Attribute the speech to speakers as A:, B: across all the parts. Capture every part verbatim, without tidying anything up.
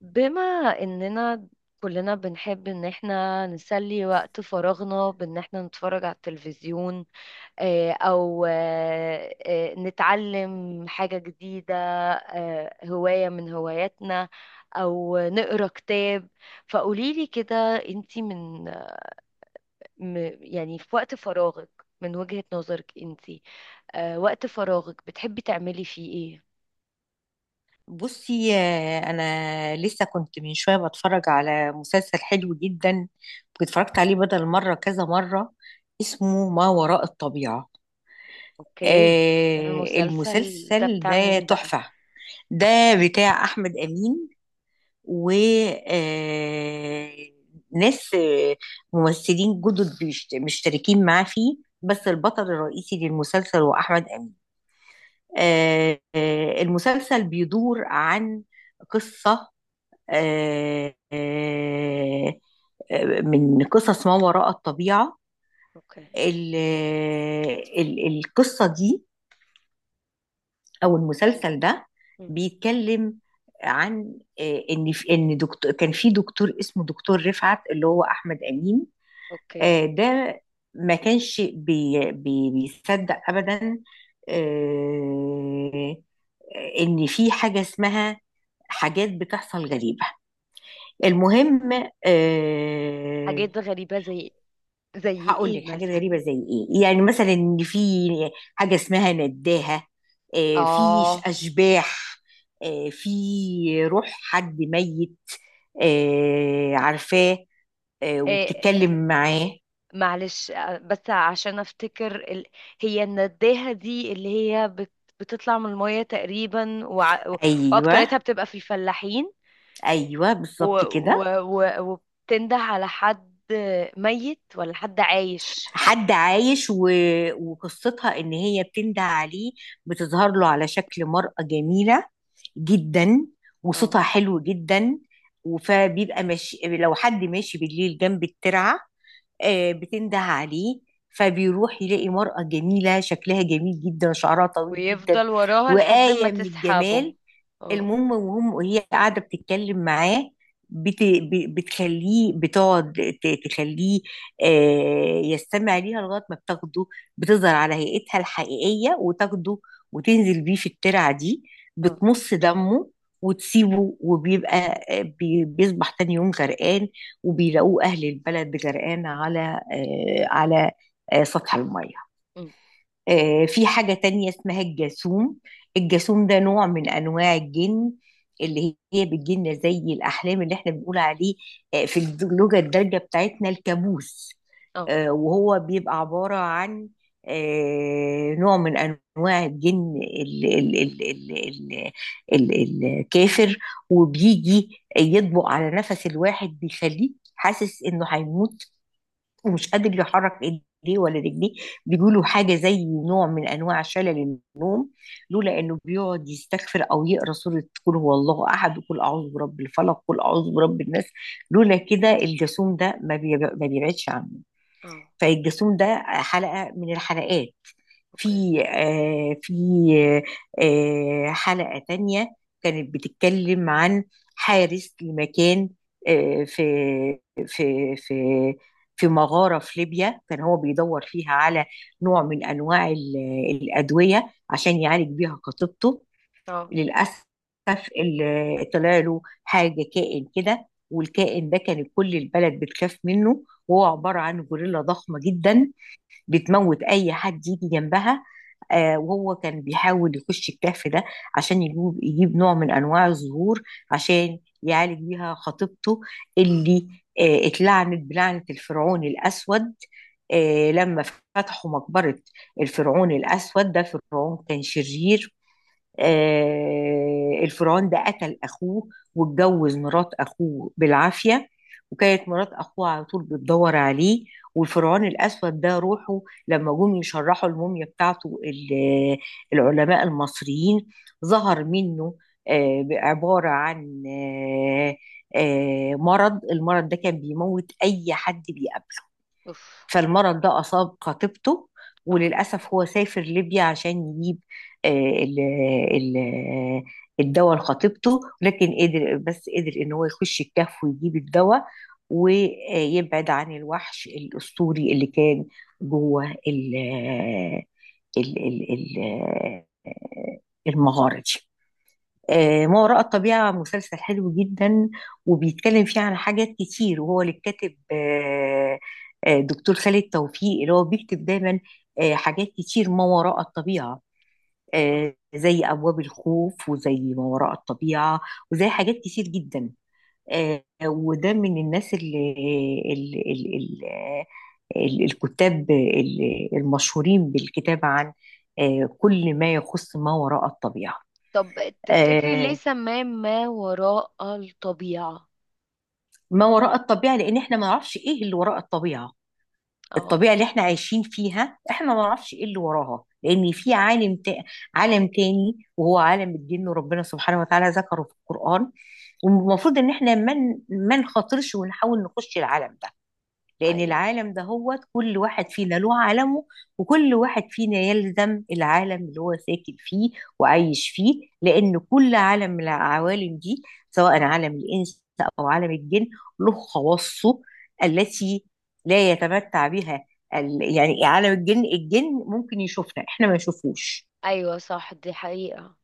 A: بما اننا كلنا بنحب ان احنا نسلي وقت فراغنا بان احنا نتفرج على التلفزيون، آه، او آه، آه، نتعلم حاجة جديدة، آه، هواية من هواياتنا، او نقرا كتاب. فقوليلي كده، انتي من م- يعني في وقت فراغك، من وجهة نظرك انتي، آه، وقت فراغك بتحبي تعملي فيه ايه؟
B: بصي، آه، انا لسه كنت من شويه بتفرج على مسلسل حلو جدا. واتفرجت عليه بدل مره كذا مره. اسمه ما وراء الطبيعه.
A: اوكي.
B: آه،
A: المسلسل ده
B: المسلسل
A: بتاع
B: ده
A: مين بقى؟
B: تحفه. ده بتاع احمد امين، و آه، ناس، آه، ممثلين جدد بيشت- مشتركين معاه فيه. بس البطل الرئيسي للمسلسل هو احمد امين. آه، آه، المسلسل بيدور عن قصة آه، آه، آه، من قصص ما وراء الطبيعة.
A: اوكي.
B: ال- ال- القصة دي أو المسلسل ده بيتكلم عن، آه، إن في- إن دكتور كان في دكتور اسمه دكتور رفعت اللي هو أحمد أمين.
A: اوكي.
B: آه، ده ما كانش بي بي بيصدق أبدا، آه، آه، إن في حاجة اسمها حاجات بتحصل غريبة. المهم، أه،
A: حاجات غريبة زي زي
B: هقول
A: ايه
B: لك حاجات
A: مثلا؟
B: غريبة زي ايه. يعني مثلا ان في حاجة اسمها نداهة. أه، في ش-
A: اه.
B: اشباح. أه، في روح حد ميت. أه، عارفاه. أه،
A: إيه.
B: وبتتكلم معاه.
A: معلش آه، بس عشان افتكر ال... هي النداهة دي اللي هي بت... بتطلع من المية تقريبا وع...
B: ايوه،
A: واكترتها بتبقى في الفلاحين
B: ايوه
A: و...
B: بالظبط
A: و...
B: كده.
A: و... وبتنده على حد ميت ولا حد عايش؟
B: حد عايش، و... وقصتها ان هي بتندى عليه. بتظهر له على شكل مرأة جميلة جدا
A: اه.
B: وصوتها حلو جدا. فبيبقى ماشي، لو حد ماشي بالليل جنب الترعة، آه، بتنده عليه. فبيروح يلاقي مرأة جميلة، شكلها جميل جدا، شعرها طويل جدا
A: ويفضل وراها لحد ما
B: وآية من
A: تسحبه.
B: الجمال.
A: اه.
B: المهم، وهم وهي قاعده بتتكلم معاه، بت... ب- بتخليه، بتقعد ت- تخليه، آه، يستمع ليها لغايه ما بتاخده. بتظهر على هيئتها الحقيقيه وتاخده وتنزل بيه في الترعه دي،
A: اه.
B: بتمص دمه وتسيبه. وبيبقى، آه، بي- بيصبح تاني يوم غرقان، وبيلاقوه اهل البلد غرقان على، آه، على آه، سطح الميه.
A: أم.
B: آه، في حاجة تانية اسمها الجاسوم. الجاسوم ده نوع من أنواع الجن، اللي هي بتجيلنا زي الأحلام، اللي احنا بنقول عليه آه، في اللغة الدارجة بتاعتنا الكابوس.
A: اه.
B: آه، وهو بيبقى عبارة عن، آه، نوع من أنواع الجن ال- ال- ال- ال- ال- ال- الكافر. وبيجي يطبق على نفس الواحد، بيخليه حاسس إنه هيموت ومش قادر يحرك ايديه ولا رجليه. بيقولوا حاجه زي نوع من انواع شلل النوم، لولا انه بيقعد يستغفر او يقرا سوره قل هو الله احد وقل اعوذ برب الفلق وقل اعوذ برب الناس. لولا كده الجاسوم ده ما بيب- ما بيبعدش عنه.
A: اه.
B: فالجاسوم ده حلقه من الحلقات.
A: اوكي.
B: في، آه، في آه، حلقة تانية كانت بتتكلم عن حارس لمكان، آه، في في في في مغارة في ليبيا، كان هو بيدور فيها على نوع من أنواع ال- الأدوية عشان يعالج بيها خطيبته.
A: اه.
B: للأسف ال- طلع له حاجة، كائن كده، والكائن ده كان كل البلد بتخاف منه وهو عبارة عن غوريلا ضخمة جدا، بتموت اي حد يجي جنبها. آه، وهو كان بيحاول يخش الكهف ده عشان يجيب يجيب نوع من انواع الزهور عشان يعالج بيها خطيبته، اللي آه، اتلعنت بلعنة الفرعون الاسود آه، لما فتحوا مقبرة. الفرعون الاسود ده فرعون كان شرير.
A: أم.
B: آه، الفرعون ده قتل اخوه واتجوز مرات اخوه بالعافيه. وكانت مرات اخوه على طول بتدور عليه. والفرعون الاسود ده روحه لما جم يشرحوا الموميا بتاعته، ال- العلماء المصريين، ظهر منه، آه، عباره عن آه، آه، مرض. المرض ده كان بيموت اي حد بيقابله.
A: اوف.
B: فالمرض ده أصاب خطيبته،
A: اه.
B: وللأسف هو سافر ليبيا عشان يجيب، آه، ال ال الدواء لخطيبته. لكن قدر، بس قدر إن هو يخش الكهف ويجيب الدواء ويبعد عن الوحش الأسطوري اللي كان جوه ال ال ال ال- المغارة دي.
A: أوكي.
B: آه، ما وراء الطبيعة مسلسل حلو جدا، وبيتكلم فيه عن حاجات كتير. وهو اللي كاتب، آه، آه، دكتور خالد توفيق، اللي هو بيكتب دايما آه، حاجات كتير ما وراء الطبيعة، آه، زي أبواب الخوف وزي ما وراء الطبيعة وزي حاجات كتير جدا. آه، وده من الناس اللي اللي اللي اللي الكتاب اللي- المشهورين بالكتابة عن آه، كل ما يخص ما وراء الطبيعة.
A: طب تفتكري ليه
B: آه،
A: سماه ما وراء الطبيعة؟
B: ما وراء الطبيعة، لأن احنا ما نعرفش ايه اللي وراء الطبيعة.
A: اه.
B: الطبيعة اللي احنا عايشين فيها، احنا ما نعرفش ايه اللي وراها، لأن في عالم تا... عالم تاني وهو عالم الجن، وربنا سبحانه وتعالى ذكره في القرآن. والمفروض ان احنا ما من... ما نخاطرش ونحاول نخش العالم ده، لأن
A: ايوه.
B: العالم ده، هو كل واحد فينا له عالمه. وكل واحد فينا يلزم العالم اللي هو ساكن فيه وعايش فيه، لأن كل عالم من العوالم دي، سواء عالم الإنس أو عالم الجن، له خواصه التي لا يتمتع بها. ال- يعني عالم الجن، الجن ممكن يشوفنا، احنا ما نشوفوش.
A: ايوه صح، دي حقيقة.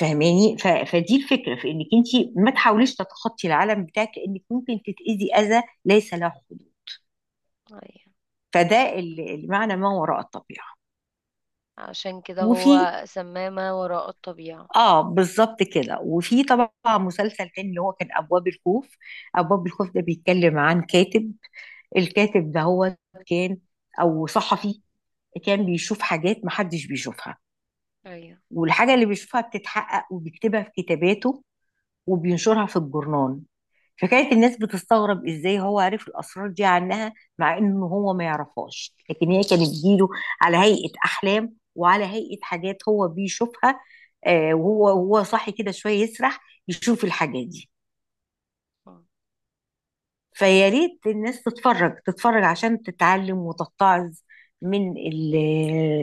B: فاهماني؟ ف... فدي الفكره، في انك انت ما تحاوليش تتخطي العالم بتاعك، لانك ممكن تتاذي اذى ليس له حدود.
A: ايوه،
B: فده ال- المعنى، ما وراء الطبيعه.
A: عشان كده
B: وفي،
A: هو سماه ما وراء الطبيعة.
B: اه بالظبط كده. وفي طبعا مسلسل تاني، اللي هو كان ابواب الخوف. ابواب الخوف ده بيتكلم عن كاتب. الكاتب ده هو كان، او صحفي، كان بيشوف حاجات محدش بيشوفها،
A: ايوه.
B: والحاجة اللي بيشوفها بتتحقق، وبيكتبها في كتاباته وبينشرها في الجورنال. فكانت الناس بتستغرب، ازاي هو عرف الاسرار دي عنها، مع انه هو ما يعرفهاش، لكن هي
A: م-
B: كانت بتجيله على هيئة احلام وعلى هيئة حاجات هو بيشوفها. آه، وهو وهو صاحي كده، شوية يسرح، يشوف الحاجات دي.
A: م.
B: فيا ريت الناس تتفرج، تتفرج عشان تتعلم وتتعظ من ال-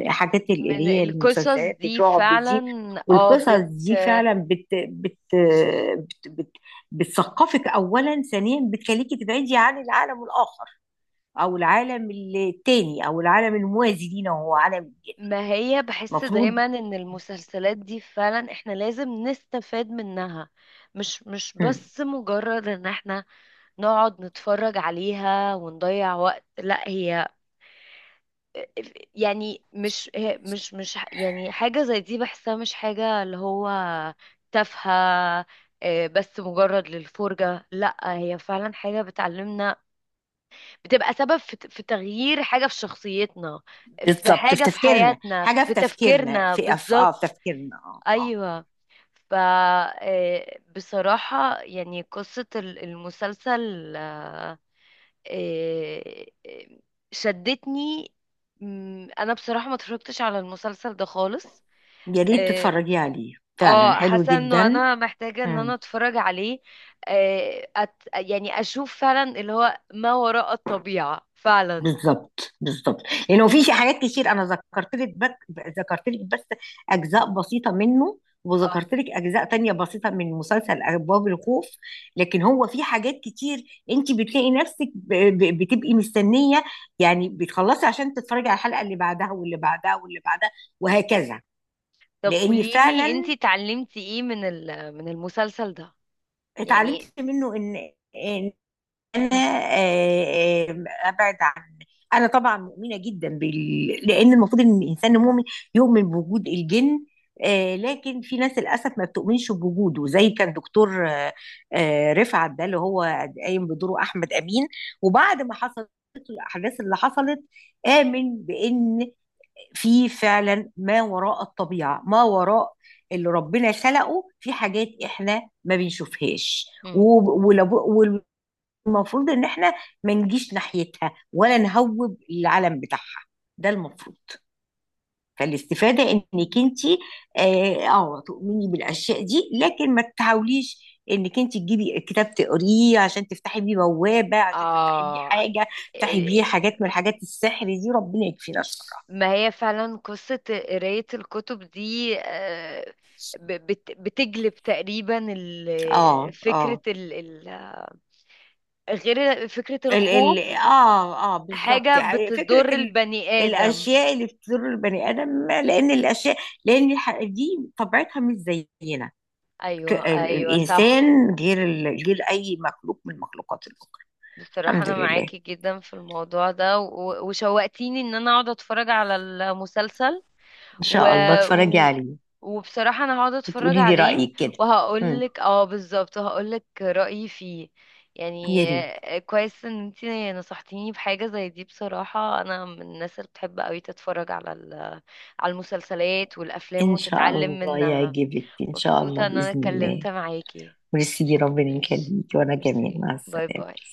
B: الحاجات، ال-
A: من
B: اللي هي
A: القصص
B: المسلسلات
A: دي
B: الرعب
A: فعلا.
B: دي.
A: اه
B: والقصص
A: بت.
B: دي فعلا بت بت بت بت بتثقفك اولا. ثانيا بتخليكي تبعدي عن العالم الاخر، او العالم التاني، او العالم الموازي لينا وهو عالم الجن.
A: ما هي بحس
B: المفروض.
A: دايما ان المسلسلات دي فعلا احنا لازم نستفاد منها، مش مش
B: مم.
A: بس مجرد ان احنا نقعد نتفرج عليها ونضيع وقت. لا، هي يعني مش هي- مش مش ح- يعني حاجة زي دي بحسها مش حاجة اللي هو تافهة، آه، بس مجرد للفرجة. لا، هي فعلا حاجة بتعلمنا، بتبقى سبب في ت- في تغيير حاجة في شخصيتنا، في
B: بالظبط، في
A: حاجة في
B: تفكيرنا،
A: حياتنا،
B: حاجه في
A: في
B: تفكيرنا،
A: تفكيرنا
B: في أف... اه،
A: بالظبط.
B: في تفكيرنا، اه اه.
A: أيوة. ف آه، بصراحة يعني قصة ال- المسلسل آه، آه، آه، شدتني. مم، انا بصراحة ما اتفرجتش على المسلسل ده خالص.
B: يا ريت
A: اه.
B: تتفرجي عليه، فعلا
A: آه،
B: حلو
A: حاسة انه
B: جدا.
A: انا محتاجة ان انا
B: مم.
A: اتفرج عليه. آه، أت... يعني اشوف فعلا اللي هو ما وراء الطبيعة فعلا.
B: بالظبط بالظبط، لانه في شي- حاجات كتير. انا ذكرت لك بك ذكرت لك بس اجزاء بسيطه منه،
A: اه.
B: وذكرت لك اجزاء تانية بسيطه من مسلسل ابواب الخوف. لكن هو في حاجات كتير انت بتلاقي نفسك ب- ب- بتبقي مستنيه، يعني بتخلصي عشان تتفرجي على الحلقه اللي بعدها واللي بعدها واللي بعدها، وهكذا.
A: طب
B: لان
A: قوليلي
B: فعلا
A: انتي اتعلمتي ايه من ال... من المسلسل ده؟ يعني.
B: اتعلمت منه ان انا،
A: م-
B: آه، آه، ابعد عن، انا طبعا مؤمنه جدا بال... لان المفروض ان الانسان المؤمن يؤمن بوجود الجن. آه، لكن في ناس للاسف ما بتؤمنش بوجوده، زي كان دكتور، آه، آه، رفعت ده، اللي هو قايم بدوره احمد امين. وبعد ما حصلت الاحداث اللي حصلت، امن بان في فعلا ما وراء الطبيعه، ما وراء اللي ربنا خلقه، في حاجات احنا ما بنشوفهاش.
A: م.
B: المفروض ان احنا ما نجيش ناحيتها ولا نهوب العلم بتاعها. ده المفروض. فالاستفادة انك انت، اه آه، تؤمني بالاشياء دي، لكن ما تحاوليش انك انت تجيبي كتاب تقريه عشان تفتحي بيه بوابة، عشان تفتحي بيه
A: اه.
B: حاجة، تفتحي بيه
A: آه،
B: حاجات من حاجات السحر دي. ربنا يكفينا الشر.
A: ما هي فعلا قصة قراية الكتب دي، آه، ب- بت- بتجلب تقريبا
B: اه
A: ال-
B: اه،
A: فكرة ال ال غير فكرة
B: ال ال
A: الخوف،
B: اه اه بالظبط.
A: حاجة
B: يعني فكرة
A: بتضر
B: ال
A: البني آدم.
B: الاشياء اللي بتضر البني ادم، لان الاشياء، لان الح- دي طبيعتها مش زينا. ك-
A: أيوة،
B: ال-
A: أيوة صح.
B: الانسان غير ال- غير اي مخلوق من المخلوقات الاخرى.
A: بصراحة
B: الحمد
A: أنا
B: لله،
A: معاكي جدا في الموضوع ده و- وشوقتيني إن أنا أقعد أتفرج على المسلسل
B: ان
A: و...
B: شاء الله اتفرجي
A: و...
B: عليه
A: وبصراحة انا هقعد اتفرج
B: وتقولي لي
A: عليه
B: رايك كده. امم،
A: وهقولك، اه بالظبط هقولك رأيي فيه
B: يا
A: يعني.
B: ريت.
A: آه، كويس ان انتي نصحتيني بحاجة زي دي. بصراحة انا من الناس اللي بتحب قوي تتفرج على ال... على المسلسلات والافلام
B: ان شاء
A: وتتعلم
B: الله
A: منها.
B: يعجبك، ان شاء الله
A: مبسوطة ان انا
B: باذن الله.
A: اتكلمت معاكي.
B: ويسيدي، ربنا
A: ماشي.
B: يخليكي، وانا كمان
A: ميرسي،
B: مع
A: باي
B: السلامه.
A: باي.